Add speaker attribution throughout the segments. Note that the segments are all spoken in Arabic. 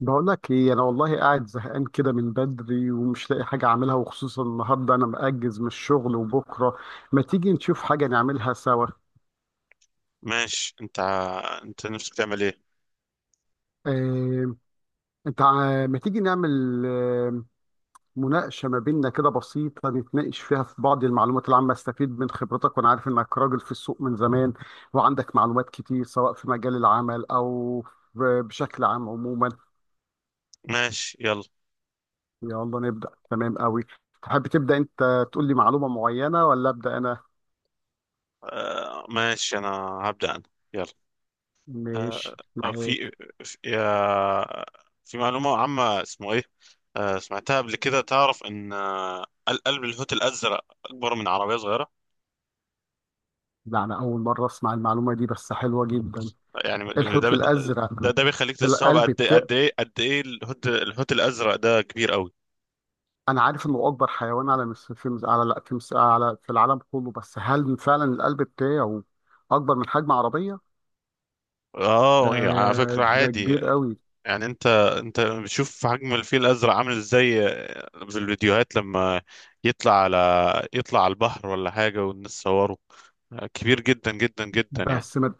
Speaker 1: بقول لك ايه؟ انا والله قاعد زهقان كده من بدري ومش لاقي حاجه اعملها، وخصوصا النهارده انا مأجز من الشغل وبكره. ما تيجي نشوف حاجه نعملها سوا؟
Speaker 2: ماشي. انت نفسك تعمل ايه؟
Speaker 1: آه، انت ما تيجي نعمل مناقشه ما بيننا كده بسيطه، نتناقش فيها في بعض المعلومات العامه. استفيد من خبرتك وانا عارف انك راجل في السوق من زمان، وعندك معلومات كتير سواء في مجال العمل او ب- بشكل عام عموما.
Speaker 2: ماشي، يلا.
Speaker 1: يلا نبدأ، تمام قوي. تحب تبدأ انت تقول لي معلومه معينه ولا أبدأ انا؟
Speaker 2: آه، ماشي. انا هبدأ انا، يلا. آه
Speaker 1: مش
Speaker 2: آه،
Speaker 1: معاك.
Speaker 2: في في, يا- في معلومة عامة، اسمه ايه؟ سمعتها قبل كده. تعرف ان قلب الحوت الازرق اكبر من عربية صغيرة.
Speaker 1: ده أنا أول مرة أسمع المعلومة دي، بس حلوة جدا.
Speaker 2: يعني ده
Speaker 1: الحوت الأزرق؟
Speaker 2: ده بيخليك تستوعب
Speaker 1: القلب
Speaker 2: قد
Speaker 1: التاء،
Speaker 2: قد ايه قد ايه الحوت الازرق ده كبير قوي.
Speaker 1: أنا عارف إنه أكبر حيوان على مس... في مس... على لا في مس... على في العالم كله، بس هل فعلا القلب بتاعه أكبر من حجم عربية؟
Speaker 2: اه،
Speaker 1: ده
Speaker 2: على فكرة،
Speaker 1: ده
Speaker 2: عادي.
Speaker 1: كبير قوي.
Speaker 2: يعني انت بتشوف حجم الفيل الازرق عامل ازاي في الفيديوهات لما يطلع على يطلع على البحر ولا حاجه، والناس صوره؟ كبير جدا جدا جدا يعني.
Speaker 1: بس ما...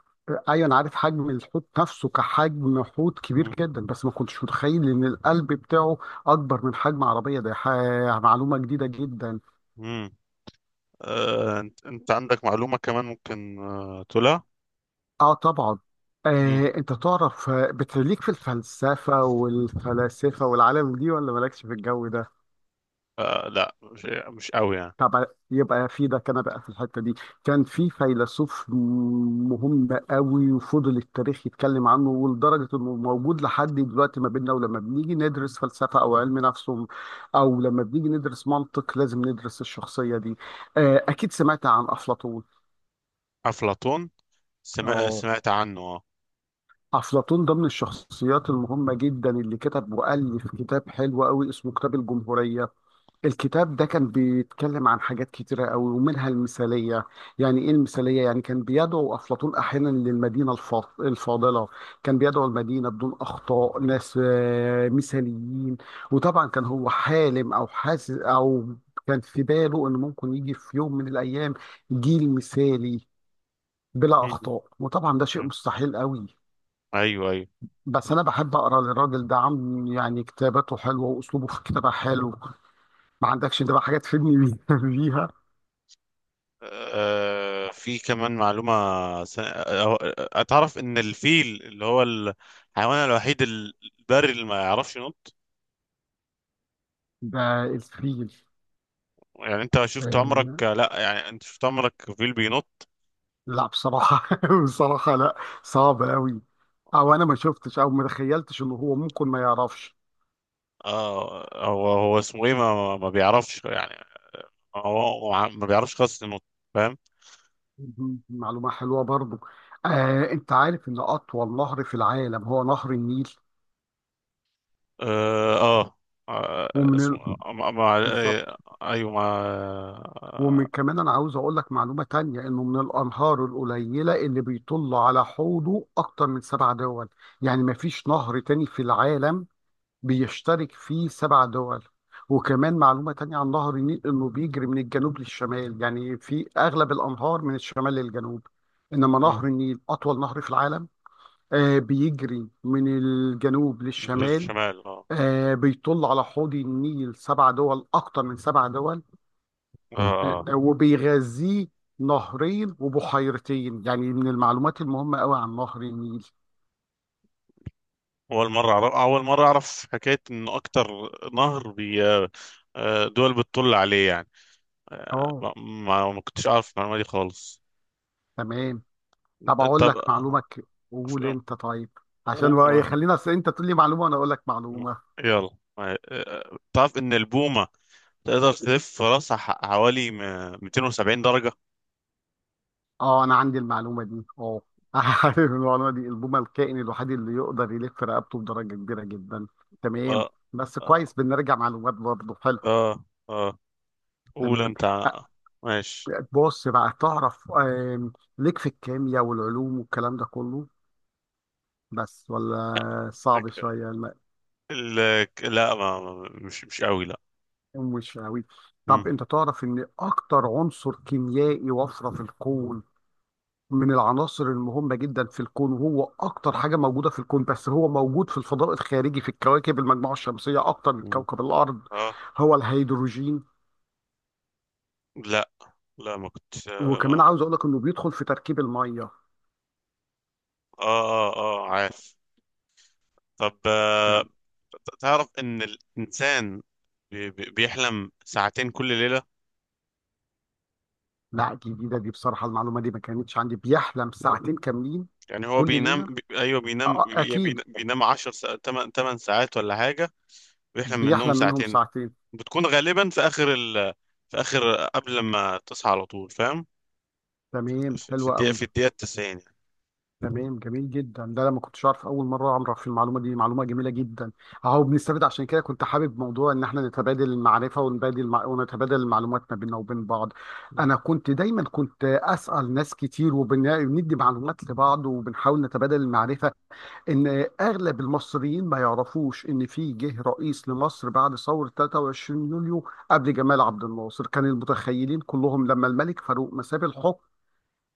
Speaker 1: أيوة أنا عارف حجم الحوت نفسه كحجم حوت كبير
Speaker 2: مم.
Speaker 1: جدا، بس ما كنتش متخيل إن القلب بتاعه أكبر من حجم عربية. معلومة جديدة جدا.
Speaker 2: مم. انت عندك معلومه كمان ممكن تقولها؟
Speaker 1: اه طبعا.
Speaker 2: مم.
Speaker 1: انت تعرف بتليك في الفلسفة والفلاسفة والعالم دي، ولا مالكش في الجو ده؟
Speaker 2: لا، مش قوي يعني.
Speaker 1: طب يبقى في ده، كان بقى في الحتة دي كان في فيلسوف مهم قوي، وفضل التاريخ يتكلم عنه ولدرجة انه موجود لحد دلوقتي ما بيننا. ولما بنيجي ندرس فلسفة او علم نفس او لما بنيجي ندرس منطق، لازم ندرس الشخصية دي. اكيد سمعت عن افلاطون.
Speaker 2: افلاطون،
Speaker 1: اه،
Speaker 2: سمعت عنه، اه.
Speaker 1: أفلاطون ده من الشخصيات المهمة جدا، اللي كتب وألف كتاب حلو قوي اسمه كتاب الجمهورية. الكتاب ده كان بيتكلم عن حاجات كتيرة قوي، ومنها المثالية. يعني إيه المثالية؟ يعني كان بيدعو أفلاطون أحيانا للمدينة الفاضلة، كان بيدعو المدينة بدون أخطاء، ناس مثاليين. وطبعا كان هو حالم أو حاسس أو كان في باله إن ممكن يجي في يوم من الأيام جيل مثالي بلا
Speaker 2: مم.
Speaker 1: أخطاء، وطبعا ده شيء مستحيل قوي.
Speaker 2: ايوه، ايوه.
Speaker 1: بس انا بحب اقرا للراجل ده عم يعني، كتاباته حلوه واسلوبه في الكتابه حلو. ما عندكش انت بقى حاجات تفيدني بيها؟
Speaker 2: في كمان معلومة. أتعرف إن الفيل اللي هو الحيوان الوحيد البري اللي ما يعرفش ينط؟
Speaker 1: ده الفيل؟
Speaker 2: يعني أنت شفت عمرك
Speaker 1: آه،
Speaker 2: لا يعني أنت شفت عمرك فيل بينط؟
Speaker 1: لا بصراحه، بصراحه لا، صعب قوي، او انا ما شفتش او ما تخيلتش انه هو ممكن ما يعرفش.
Speaker 2: هو اسمه إيه، ما بيعرفش يعني. هو ما بيعرفش خالص ينط. فاهم؟
Speaker 1: مهم. معلومه حلوه برضو. انت عارف ان اطول نهر في العالم هو نهر النيل؟
Speaker 2: آه، آه، آه
Speaker 1: ومن ال...
Speaker 2: اسمه ما ما-
Speaker 1: بالظبط.
Speaker 2: أيوه ما.
Speaker 1: ومن
Speaker 2: آه،
Speaker 1: كمان انا عاوز اقول لك معلومه تانية، انه من الانهار القليله اللي بيطل على حوضه اكتر من 7 دول. يعني ما فيش نهر تاني في العالم بيشترك فيه 7 دول. وكمان معلومه تانية عن نهر النيل، انه بيجري من الجنوب للشمال، يعني في اغلب الانهار من الشمال للجنوب، انما
Speaker 2: مم،
Speaker 1: نهر النيل اطول نهر في العالم. آه بيجري من الجنوب للشمال.
Speaker 2: بالشمال. آه.
Speaker 1: آه بيطل على حوض النيل 7 دول، اكتر من سبع دول،
Speaker 2: آه، آه.
Speaker 1: وبيغذيه نهرين وبحيرتين، يعني من المعلومات المهمة قوي عن نهر النيل.
Speaker 2: اول مره اعرف حكايه ان اكتر نهر بي آه، دول بتطل عليه يعني. آه،
Speaker 1: اه
Speaker 2: ما كنتش اعرف المعلومه دي خالص.
Speaker 1: تمام. طب اقول
Speaker 2: طب،
Speaker 1: لك معلومة، قول انت طيب.
Speaker 2: و-
Speaker 1: عشان بقى
Speaker 2: و-
Speaker 1: خلينا، أصل انت تقول لي معلومة وانا اقول لك معلومة.
Speaker 2: يلا. تعرف ان البومه تقدر تلف راسها حوالي 270 درجه؟
Speaker 1: اه انا عندي المعلومة دي اه. عارف المعلومة دي، البومة الكائن الوحيد اللي يقدر يلف رقبته بدرجة كبيرة جدا. تمام.
Speaker 2: اه،
Speaker 1: بس كويس
Speaker 2: اه،
Speaker 1: بنرجع معلومات، برضه حلو.
Speaker 2: اه، آه. قول
Speaker 1: تمام
Speaker 2: انت.
Speaker 1: أ-
Speaker 2: ماشي.
Speaker 1: بص بقى، تعرف ليك في الكيمياء والعلوم والكلام ده كله، بس ولا صعب شوية؟ لا
Speaker 2: ال- لا، مش قوي، لا.
Speaker 1: مش قوي. طب
Speaker 2: مم.
Speaker 1: انت تعرف ان اكتر عنصر كيميائي وفرة في الكون، من العناصر المهمة جدا في الكون، وهو اكتر حاجة موجودة في الكون، بس هو موجود في الفضاء الخارجي في الكواكب، المجموعة الشمسية اكتر من
Speaker 2: مم.
Speaker 1: كوكب الارض،
Speaker 2: اه،
Speaker 1: هو الهيدروجين.
Speaker 2: لا، لا، ما كنت.
Speaker 1: وكمان عاوز اقول لك انه بيدخل في تركيب المية.
Speaker 2: اه، اه، اه، عارف. طب،
Speaker 1: لا،
Speaker 2: تعرف ان الانسان بيحلم ساعتين كل ليله؟
Speaker 1: لا، جديدة دي بصراحة، المعلومة دي ما كانتش عندي. بيحلم ساعتين كاملين
Speaker 2: يعني هو
Speaker 1: كل ليلة؟
Speaker 2: بينام. ايوه، بينام.
Speaker 1: اكيد
Speaker 2: بينام 10. 8 8 ساعات ولا حاجه. ويحلم منهم
Speaker 1: بيحلم منهم
Speaker 2: ساعتين.
Speaker 1: ساعتين.
Speaker 2: بتكون غالبا في اخر، قبل ما تصحى على طول، فاهم.
Speaker 1: تمام حلوة قوي.
Speaker 2: في الدقيقه 90.
Speaker 1: تمام جميل جدا، ده انا ما كنتش اعرف، اول مره اعرف المعلومه دي، معلومه جميله جدا. اهو بنستفيد، عشان كده كنت حابب موضوع ان احنا نتبادل المعرفه، ونتبادل المعلومات ما بيننا وبين بعض. انا كنت دايما كنت اسال ناس كتير، وبندي معلومات لبعض، وبنحاول نتبادل المعرفه. ان اغلب المصريين ما يعرفوش ان في جه رئيس لمصر بعد ثوره 23 يوليو. قبل جمال عبد الناصر كان المتخيلين كلهم لما الملك فاروق مساب الحكم،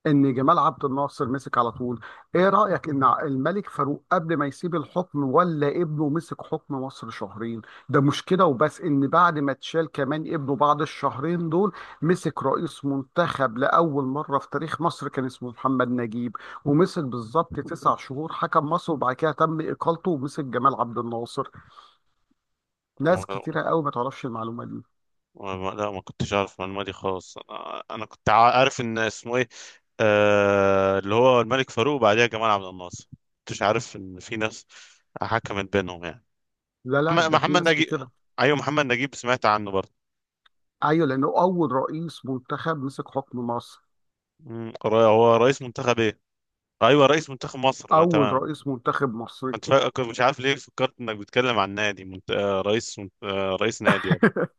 Speaker 1: ان جمال عبد الناصر مسك على طول. ايه رأيك ان الملك فاروق قبل ما يسيب الحكم ولا ابنه، مسك حكم مصر شهرين؟ ده مشكلة، وبس ان بعد ما اتشال كمان ابنه بعد الشهرين دول، مسك رئيس منتخب لأول مرة في تاريخ مصر، كان اسمه محمد نجيب. ومسك بالظبط 9 شهور حكم مصر، وبعد كده تم إقالته، ومسك جمال عبد الناصر. ناس
Speaker 2: يعني،
Speaker 1: كتيرة قوي ما تعرفش المعلومة دي.
Speaker 2: لا، ما كنتش اعرف المعلومه دي خالص. انا كنت عارف ان اسمه ايه، اللي هو الملك فاروق وبعديها جمال عبد الناصر. كنتش عارف ان في ناس حكمت بينهم يعني.
Speaker 1: لا لا،
Speaker 2: محمد
Speaker 1: ده في
Speaker 2: محمد
Speaker 1: ناس
Speaker 2: نجيب.
Speaker 1: كتيرة.
Speaker 2: ايوه، محمد نجيب، سمعت عنه برضه.
Speaker 1: ايوه لانه اول رئيس منتخب مسك حكم مصر.
Speaker 2: هو رئيس منتخب، ايه؟ ايوه، رئيس منتخب مصر، ما،
Speaker 1: اول
Speaker 2: تمام.
Speaker 1: رئيس منتخب مصري.
Speaker 2: كنت مش عارف ليه فكرت انك بتتكلم عن نادي منت... آه، رئيس منت... آه، رئيس نادي، ولا؟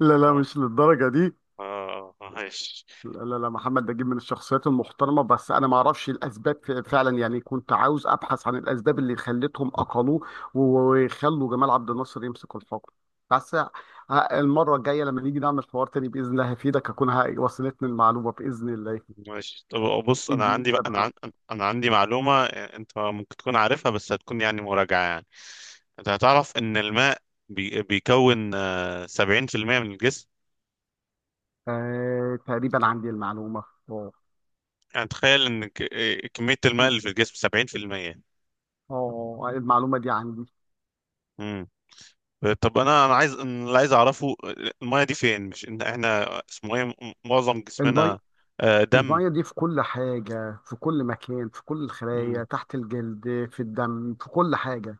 Speaker 1: لا لا،
Speaker 2: اه.
Speaker 1: مش للدرجه دي.
Speaker 2: اه، ماشي.
Speaker 1: لا لا لا، محمد نجيب من الشخصيات المحترمه، بس انا ما اعرفش الاسباب فعلا يعني، كنت عاوز ابحث عن الاسباب اللي خلتهم اقلوه وخلوا جمال عبد الناصر يمسك الحكم. بس ه- المره الجايه لما نيجي نعمل حوار تاني باذن الله هفيدك، اكون وصلتني المعلومه باذن الله.
Speaker 2: ماشي، طب، بص. انا
Speaker 1: اديني
Speaker 2: عندي بقى.
Speaker 1: تمام.
Speaker 2: انا عندي معلومه، انت ممكن تكون عارفها بس هتكون يعني مراجعه يعني. انت هتعرف ان الماء بيكون 70% من الجسم.
Speaker 1: آه تقريبا عندي المعلومه. اه
Speaker 2: يعني تخيل ان ك... آه، كميه الماء اللي في الجسم 70%.
Speaker 1: اه المعلومه دي عندي.
Speaker 2: امم، طب. انا انا عايز أنا اللي عايز اعرفه، الميه دي فين، مش ان احنا اسمه ايه معظم
Speaker 1: المي
Speaker 2: جسمنا. دم.
Speaker 1: المية دي في كل حاجة، في كل مكان، في كل
Speaker 2: امم.
Speaker 1: الخلايا تحت الجلد، في الدم، في كل حاجة،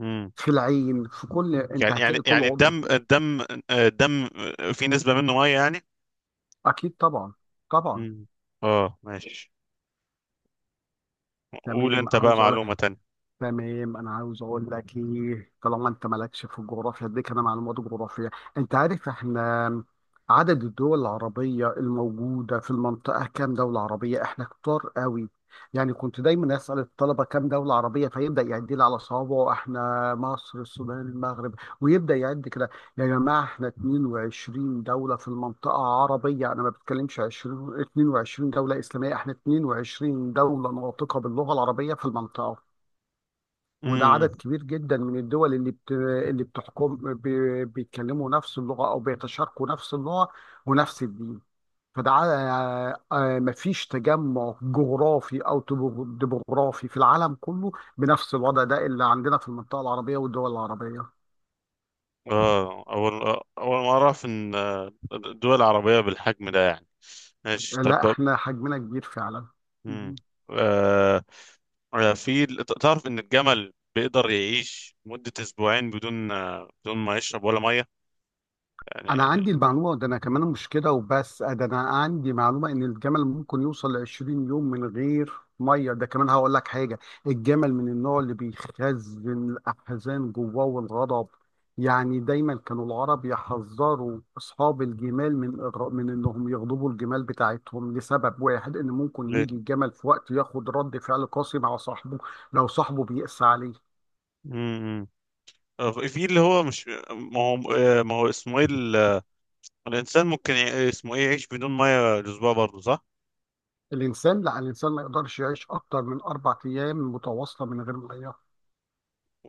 Speaker 2: امم.
Speaker 1: في العين، في كل، انت
Speaker 2: يعني يعني
Speaker 1: هتلاقي كل
Speaker 2: يعني
Speaker 1: عضو.
Speaker 2: الدم، في نسبه منه ميه يعني.
Speaker 1: اكيد طبعا، طبعا.
Speaker 2: امم، اه، ماشي. قول
Speaker 1: تمام
Speaker 2: انت بقى
Speaker 1: عاوز اقول.
Speaker 2: معلومة تانية.
Speaker 1: تمام انا عاوز اقول لك ايه، طالما انت مالكش في الجغرافيا اديك انا معلومات جغرافيه. انت عارف احنا عدد الدول العربيه الموجوده في المنطقه كام دوله عربيه؟ احنا كتار قوي. يعني كنت دايما اسال الطلبه كام دوله عربيه، فيبدا يعد لي على صوابعه، احنا مصر السودان المغرب، ويبدا يعد كده. يا جماعه احنا 22 دوله في المنطقه عربيه، انا ما بتكلمش 20 22 دوله اسلاميه، احنا 22 دوله ناطقه باللغه العربيه في المنطقه. وده عدد
Speaker 2: امم،
Speaker 1: كبير جدا من الدول اللي بت... اللي بتحكم ب... بيتكلموا نفس اللغة أو بيتشاركوا نفس اللغة ونفس الدين. فده ع- مفيش تجمع جغرافي أو ديموغرافي في العالم كله بنفس الوضع ده اللي عندنا في المنطقة العربية والدول العربية.
Speaker 2: اه، اول ما اعرف ان الدول العربية بالحجم ده يعني. ماشي، طب.
Speaker 1: لا احنا حجمنا كبير فعلا.
Speaker 2: امم، آه في. تعرف ان الجمل بيقدر يعيش مدة اسبوعين بدون ما يشرب ولا مية
Speaker 1: انا
Speaker 2: يعني.
Speaker 1: عندي المعلومه ده، انا كمان مش كده وبس، ده انا عندي معلومه ان الجمل ممكن يوصل ل 20 يوم من غير ميه. ده كمان هقول لك حاجه، الجمل من النوع اللي بيخزن الاحزان جواه والغضب. يعني دايما كانوا العرب يحذروا اصحاب الجمال من من انهم يغضبوا الجمال بتاعتهم، لسبب واحد ان ممكن
Speaker 2: ليه؟
Speaker 1: يجي الجمل في وقت ياخد رد فعل قاسي مع صاحبه، لو صاحبه بيقسى عليه.
Speaker 2: امم، في اللي هو مش ما هو، ما هو اسمه ايه، الانسان ممكن يع- اسمه ايه يعيش بدون مية الاسبوع برضه، صح؟
Speaker 1: الانسان لا، الانسان ما يقدرش يعيش اكتر من 4 ايام متواصله من غير ميه.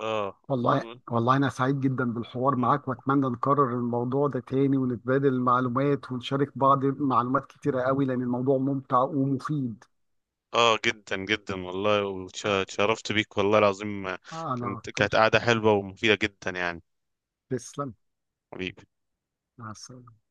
Speaker 2: اه،
Speaker 1: والله والله أنا سعيد جدا بالحوار معاك، وأتمنى نكرر الموضوع ده تاني ونتبادل المعلومات ونشارك بعض معلومات كتيرة قوي، لأن الموضوع ممتع ومفيد.
Speaker 2: اه، جدا جدا والله، وتشرفت بيك والله العظيم.
Speaker 1: أنا
Speaker 2: كانت
Speaker 1: أكتر.
Speaker 2: كانت قاعدة حلوة ومفيدة جدا يعني.
Speaker 1: تسلم.
Speaker 2: حبيبي.
Speaker 1: مع السلامة.